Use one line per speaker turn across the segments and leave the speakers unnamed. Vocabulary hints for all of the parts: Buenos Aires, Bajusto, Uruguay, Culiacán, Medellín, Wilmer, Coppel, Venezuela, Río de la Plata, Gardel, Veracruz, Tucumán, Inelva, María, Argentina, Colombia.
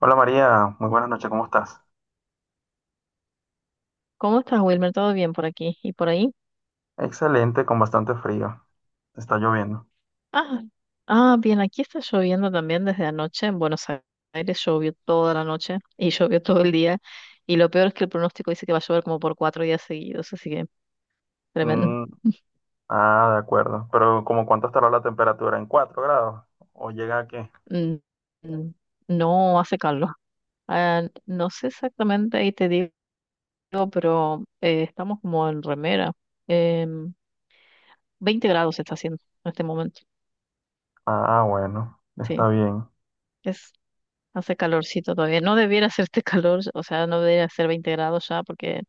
Hola María, muy buenas noches, ¿cómo estás?
¿Cómo estás, Wilmer? ¿Todo bien por aquí y por ahí?
Excelente, con bastante frío. Está lloviendo.
Ah, ah, bien, aquí está lloviendo también desde anoche. En Buenos Aires llovió toda la noche y llovió todo el día. Y lo peor es que el pronóstico dice que va a llover como por 4 días seguidos, así que tremendo.
Mm, ah, de acuerdo. Pero ¿como cuánto estará la temperatura? ¿En 4 grados? ¿O llega a qué?
Mm, mm, No hace calor. Ah, no sé exactamente, ahí te digo, pero estamos como en remera. Em, 20 grados está haciendo en este momento.
Ah, bueno, está
Sí,
bien.
es, hace calorcito todavía. No debiera hacer este calor, o sea, no debiera ser 20 grados ya, porque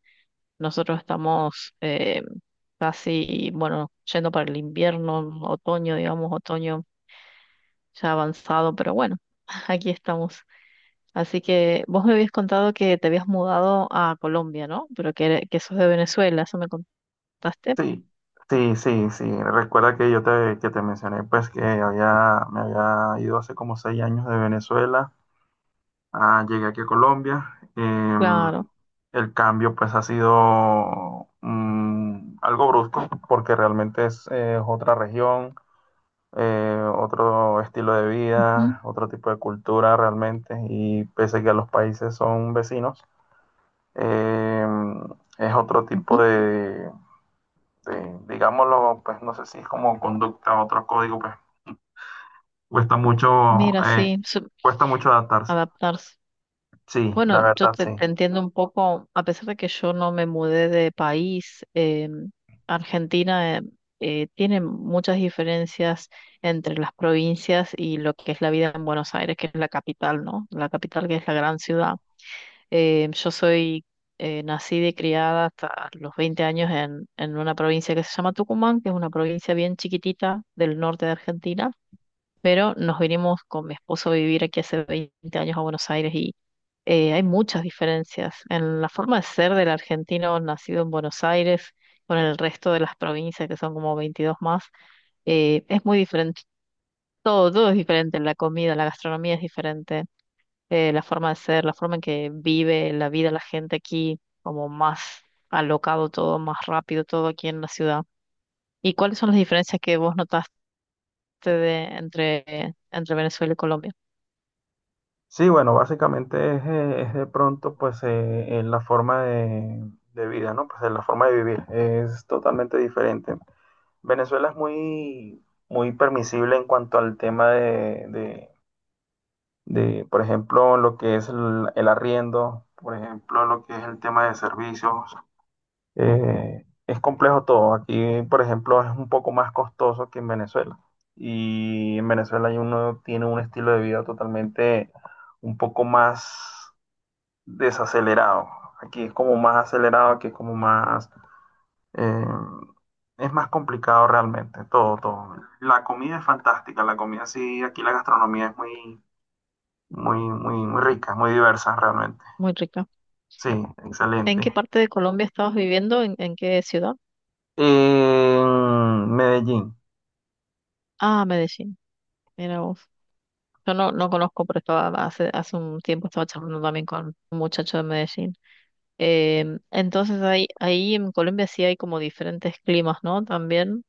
nosotros estamos casi, bueno, yendo para el invierno, otoño, digamos, otoño ya avanzado, pero bueno, aquí estamos. Así que vos me habías contado que te habías mudado a Colombia, ¿no? Pero que sos de Venezuela, eso me contaste.
Sí, sí, sí, sí. Recuerda que que te mencioné pues que me había ido hace como 6 años de Venezuela. Ah, llegué aquí a Colombia.
Claro.
El cambio pues ha sido algo brusco porque realmente es otra región, otro estilo de
Ujú,
vida, otro tipo de cultura realmente, y pese a que los países son vecinos, em, es otro tipo
ujú.
digámoslo, pues no sé si es como conducta, otro código. Pues cuesta mucho,
Mira,
eh,
sí,
cuesta mucho adaptarse.
adaptarse.
Sí, la
Bueno, yo
verdad,
te,
sí.
te entiendo un poco, a pesar de que yo no me mudé de país, Argentina tiene muchas diferencias entre las provincias y lo que es la vida en Buenos Aires, que es la capital, ¿no? La capital que es la gran ciudad. Yo soy nacida y criada hasta los 20 años en, una provincia que se llama Tucumán, que es una provincia bien chiquitita del norte de Argentina, pero nos vinimos con mi esposo a vivir aquí hace 20 años a Buenos Aires y hay muchas diferencias en la forma de ser del argentino nacido en Buenos Aires con el resto de las provincias, que son como 22 más. Es muy diferente, todo, todo es diferente, la comida, la gastronomía es diferente, la forma de ser, la forma en que vive la vida la gente aquí, como más alocado todo, más rápido todo aquí en la ciudad. ¿Y cuáles son las diferencias que vos notaste entre Venezuela y Colombia?
Sí, bueno, básicamente es de pronto pues la forma de vida, ¿no? Pues la forma de vivir es totalmente diferente. Venezuela es muy, muy permisible en cuanto al tema por ejemplo, lo que es el arriendo, por ejemplo, lo que es el tema de servicios. Es complejo todo. Aquí, por ejemplo, es un poco más costoso que en Venezuela. Y en Venezuela uno tiene un estilo de vida totalmente un poco más desacelerado. Aquí es como más acelerado, aquí es como más, eh, es más complicado realmente, todo, todo. La comida es fantástica, la comida sí, aquí la gastronomía es muy, muy, muy, muy rica, muy diversa realmente.
Muy rica.
Sí,
¿En qué
excelente.
parte de Colombia estabas viviendo? ¿En qué ciudad?
En Medellín.
Ah, Medellín. Mira vos. Yo no, no conozco, pero estaba hace un tiempo estaba charlando también con un muchacho de Medellín. Entonces ahí en Colombia sí hay como diferentes climas, ¿no? También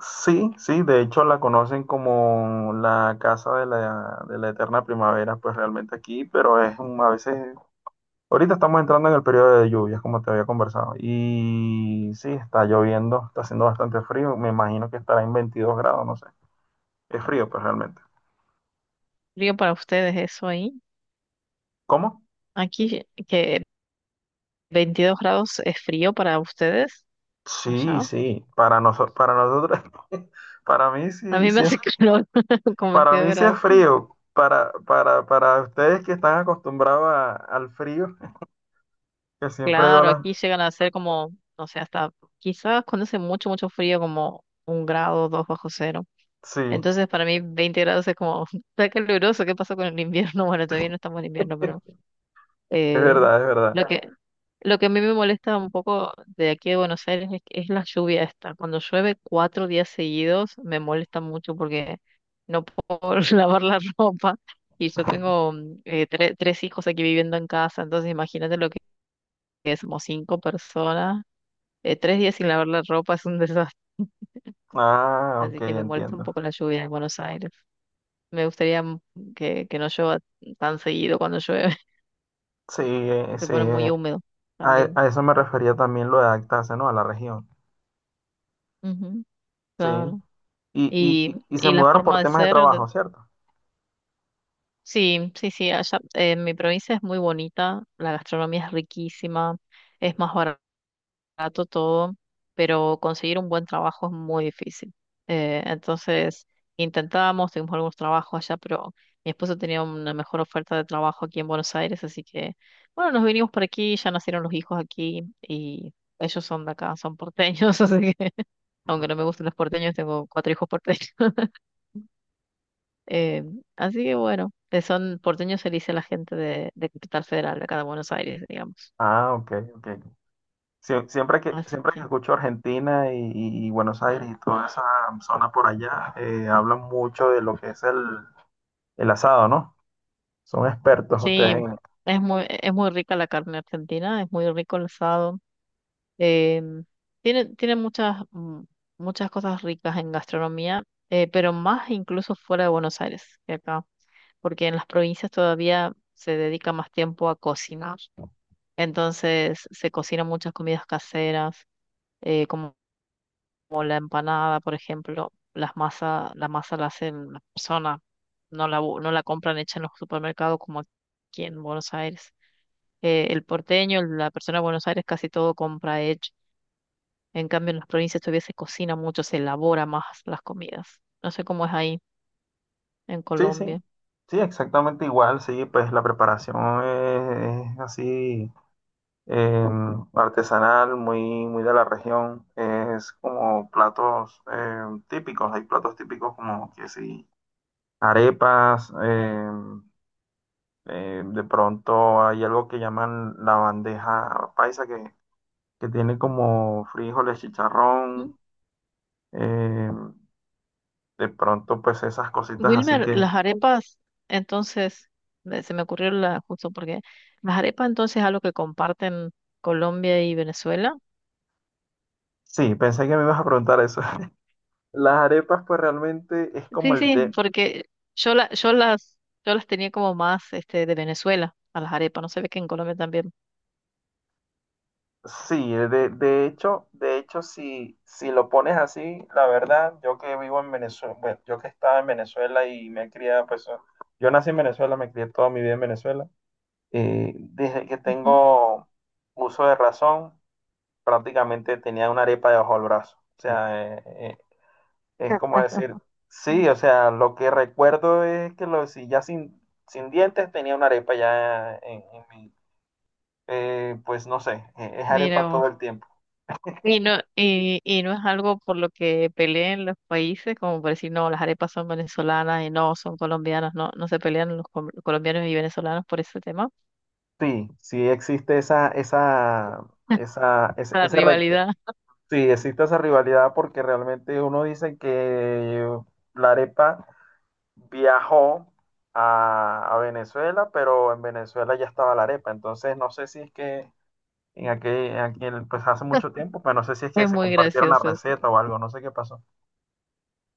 Sí, sí, de hecho la conocen como la casa de la, eterna primavera, pues realmente aquí, pero es a veces. Ahorita estamos entrando en el periodo de lluvias, como te había conversado. Y sí, está lloviendo, está haciendo bastante frío. Me imagino que estará en 22 grados, no sé. Es frío, pues realmente.
frío para ustedes eso ahí.
¿Cómo?
Aquí que 22 grados es frío para ustedes,
Sí,
allá.
sí. Para nosotros, para mí
A
sí,
mí me
sí es,
hace calor con
para
22
mí sí es
grados.
frío. Para ustedes que están acostumbrados al frío, que siempre
Claro,
violan.
aquí llegan a ser como, no sé, hasta quizás cuando hace mucho, mucho frío, como un grado, dos bajo cero.
Sí,
Entonces, para mí, 20 grados es como, está caluroso, ¿qué pasó con el invierno? Bueno, todavía no estamos en invierno, pero
es
eh,
verdad, es verdad.
lo que, lo que a mí me molesta un poco de aquí de Buenos Aires es la lluvia esta. Cuando llueve 4 días seguidos, me molesta mucho porque no puedo lavar la ropa. Y yo tengo tres hijos aquí viviendo en casa, entonces imagínate lo que somos cinco personas 3 días sin lavar la ropa es un desastre,
Ah, ok,
así que me molesta un
entiendo.
poco la lluvia en Buenos Aires. Me gustaría que no llueva tan seguido cuando llueve,
Sí, eh,
se
sí,
pone muy
eh,
húmedo
A, e-
también.
a eso me refería también, lo de adaptarse, ¿no? A la región.
Ujú,
Sí.
claro.
Y, y,
Y,
y, y se
y la
mudaron
forma
por
de
temas de
ser,
trabajo, ¿cierto?
sí, sí, sí, allá en mi provincia es muy bonita, la gastronomía es riquísima, es más barata barato todo, pero conseguir un buen trabajo es muy difícil. Entonces intentábamos, tuvimos algunos trabajos allá, pero mi esposo tenía una mejor oferta de trabajo aquí en Buenos Aires, así que bueno, nos vinimos por aquí, ya nacieron los hijos aquí y ellos son de acá, son porteños, así que aunque no me gusten los porteños, tengo cuatro hijos porteños. Eh, Así que bueno, son porteños, se le dice a la gente de Capital Federal, de acá de Buenos Aires, digamos.
Ah, ok, ok. Sie- siempre que,
Así
siempre que
que...
escucho Argentina y Buenos Aires y toda esa zona por allá, hablan mucho de lo que es el, asado, ¿no? Son expertos
Sí,
ustedes en...
es muy rica la carne argentina, es muy rico el asado. eh, tiene muchas cosas ricas en gastronomía, pero más incluso fuera de Buenos Aires que acá, porque en las provincias todavía se dedica más tiempo a cocinar. Entonces se cocinan muchas comidas caseras, eh, como, como la empanada, por ejemplo. La masa la hacen la persona, no la compran hecha en los supermercados como aquí en Buenos Aires el porteño, la persona de Buenos Aires, casi todo compra hecho. En cambio, en las provincias todavía se cocina mucho, se elabora más las comidas. No sé cómo es ahí en
Sí, sí.
Colombia.
Sí, exactamente igual, sí, pues la preparación es así. eh, Artesanal, muy, muy de la región. Es como platos típicos, hay platos típicos como que sí, arepas, de pronto hay algo que llaman la bandeja paisa que tiene como frijoles,
¿Mm?
chicharrón, eh, de pronto pues esas cositas así
Wilmer,
que...
las arepas, entonces, se me ocurrió la, justo porque las arepas entonces es algo que comparten Colombia y Venezuela.
Sí, pensé que me ibas a preguntar eso. Las arepas pues realmente es como
Sí,
el
sí,
té.
porque yo, la, yo las, yo las tenía como más este, de Venezuela, a las arepas, no se ve que en Colombia también.
Sí, de hecho, si lo pones así, la verdad, yo que vivo en Venezuela, bueno, yo que estaba en Venezuela y me he criado, pues, yo nací en Venezuela, me crié toda mi vida en Venezuela. Desde que
Ujú.
tengo uso de razón, prácticamente tenía una arepa debajo del brazo. O sea, es como
Claro.
decir, sí, o sea, lo que recuerdo es que si ya sin dientes tenía una arepa ya en, pues no sé, es arepa
Mira.
todo el tiempo.
Y no, y no es algo por lo que peleen los países, como por decir, no, las arepas son venezolanas y no, son colombianas, no, no se pelean los colombianos y venezolanos por ese tema.
Sí, sí existe esa, esa, esa, ese,
La
ese re-
rivalidad.
sí, existe esa rivalidad porque realmente uno dice que la arepa viajó a Venezuela, pero en Venezuela ya estaba la arepa. Entonces no sé si es que pues hace mucho tiempo, pero no sé si es que
Es
se
muy
compartieron la
gracioso eso.
receta o algo, no sé qué pasó.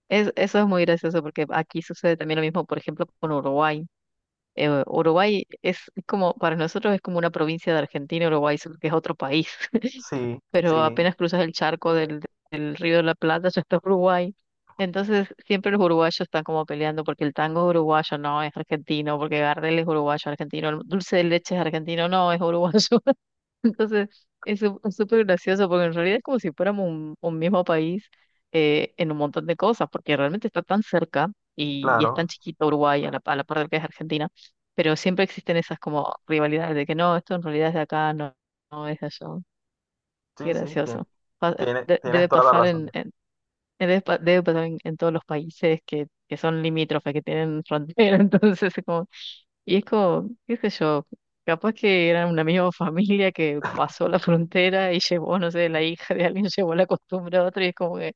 Eso es muy gracioso porque aquí sucede también lo mismo, por ejemplo, con Uruguay. Uruguay es como, para nosotros es como una provincia de Argentina, Uruguay, solo que es otro país.
Sí,
Pero
sí,
apenas cruzas el charco del Río de la Plata, ya está Uruguay. Entonces, siempre los uruguayos están como peleando porque el tango es uruguayo, no es argentino, porque Gardel es uruguayo, argentino, el dulce de leche es argentino, no es uruguayo. Entonces, es súper gracioso porque en realidad es como si fuéramos un mismo país en un montón de cosas, porque realmente está tan cerca y es tan
claro.
chiquito Uruguay a la par del que es Argentina, pero siempre existen esas como rivalidades de que no, esto en realidad es de acá, no, no es de allá.
Sí,
Qué
sí, tien-
gracioso.
tiene, tienes
Debe
toda la
pasar
razón.
en- debe, pa- debe pasar en todos los países que son limítrofes, que tienen frontera, entonces es como, y es como, qué sé yo, capaz que eran una misma familia que pasó la frontera y llevó, no sé, la hija de alguien llevó la costumbre a otro y es como que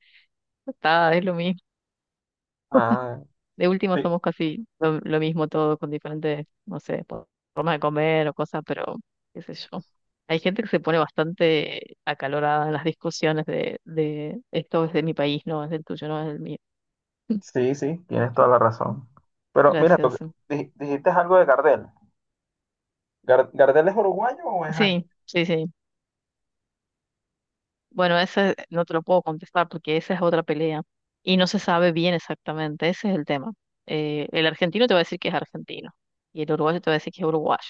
está, es lo mismo.
Ah,
De último
sí.
somos casi lo mismo todo, con diferentes, no sé, formas de comer o cosas, pero qué sé yo. Hay gente que se pone bastante acalorada en las discusiones de esto es de mi país, no es del tuyo, no es del mío.
Sí, sí, tienes toda la razón. Pero mira, lo que-
Gracioso.
dij- dijiste algo de Gardel. ¿Gardel es uruguayo o es argentino?
Sí, sí, sí. Bueno, ese no te lo puedo contestar porque esa es otra pelea y no se sabe bien exactamente, ese es el tema. El argentino te va a decir que es argentino y el uruguayo te va a decir que es uruguayo.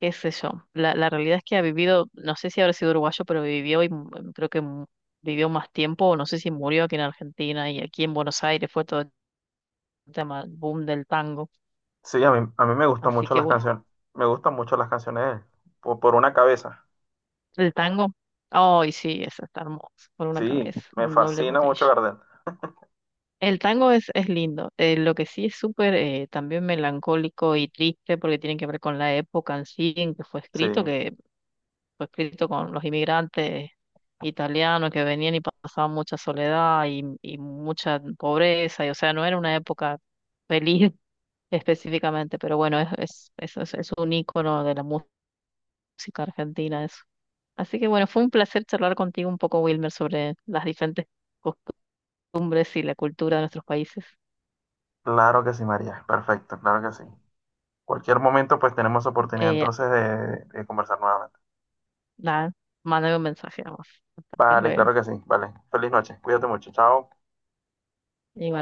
Qué sé yo. La realidad es que ha vivido, no sé si habrá sido uruguayo, pero vivió y creo que vivió más tiempo, no sé si murió aquí en Argentina y aquí en Buenos Aires fue todo el tema, el boom del tango.
Sí, a mí me gustan
Así
mucho
que
las
bueno,
canciones. Me gustan mucho las canciones de él. Por una cabeza.
el tango, ay sí, eso está hermoso, por una
Sí,
cabeza,
me
un doble
fascina mucho
potrillo.
Gardel.
El tango es lindo, lo que sí es súper también melancólico y triste porque tiene que ver con la época en sí en
Sí,
que fue escrito con los inmigrantes italianos que venían y pasaban mucha soledad y mucha pobreza, y o sea, no era una época feliz específicamente, pero bueno, es un ícono de la música argentina eso. Así que bueno, fue un placer charlar contigo un poco, Wilmer, sobre las diferentes costumbres y la cultura de nuestros países.
claro que sí, María. Perfecto, claro que sí. Cualquier momento, pues tenemos oportunidad
Eh,
entonces de conversar nuevamente.
nada, mándame un mensaje, vamos. Hasta
Vale, claro
luego.
que sí. Vale. Feliz noche. Cuídate mucho. Chao.
Igual.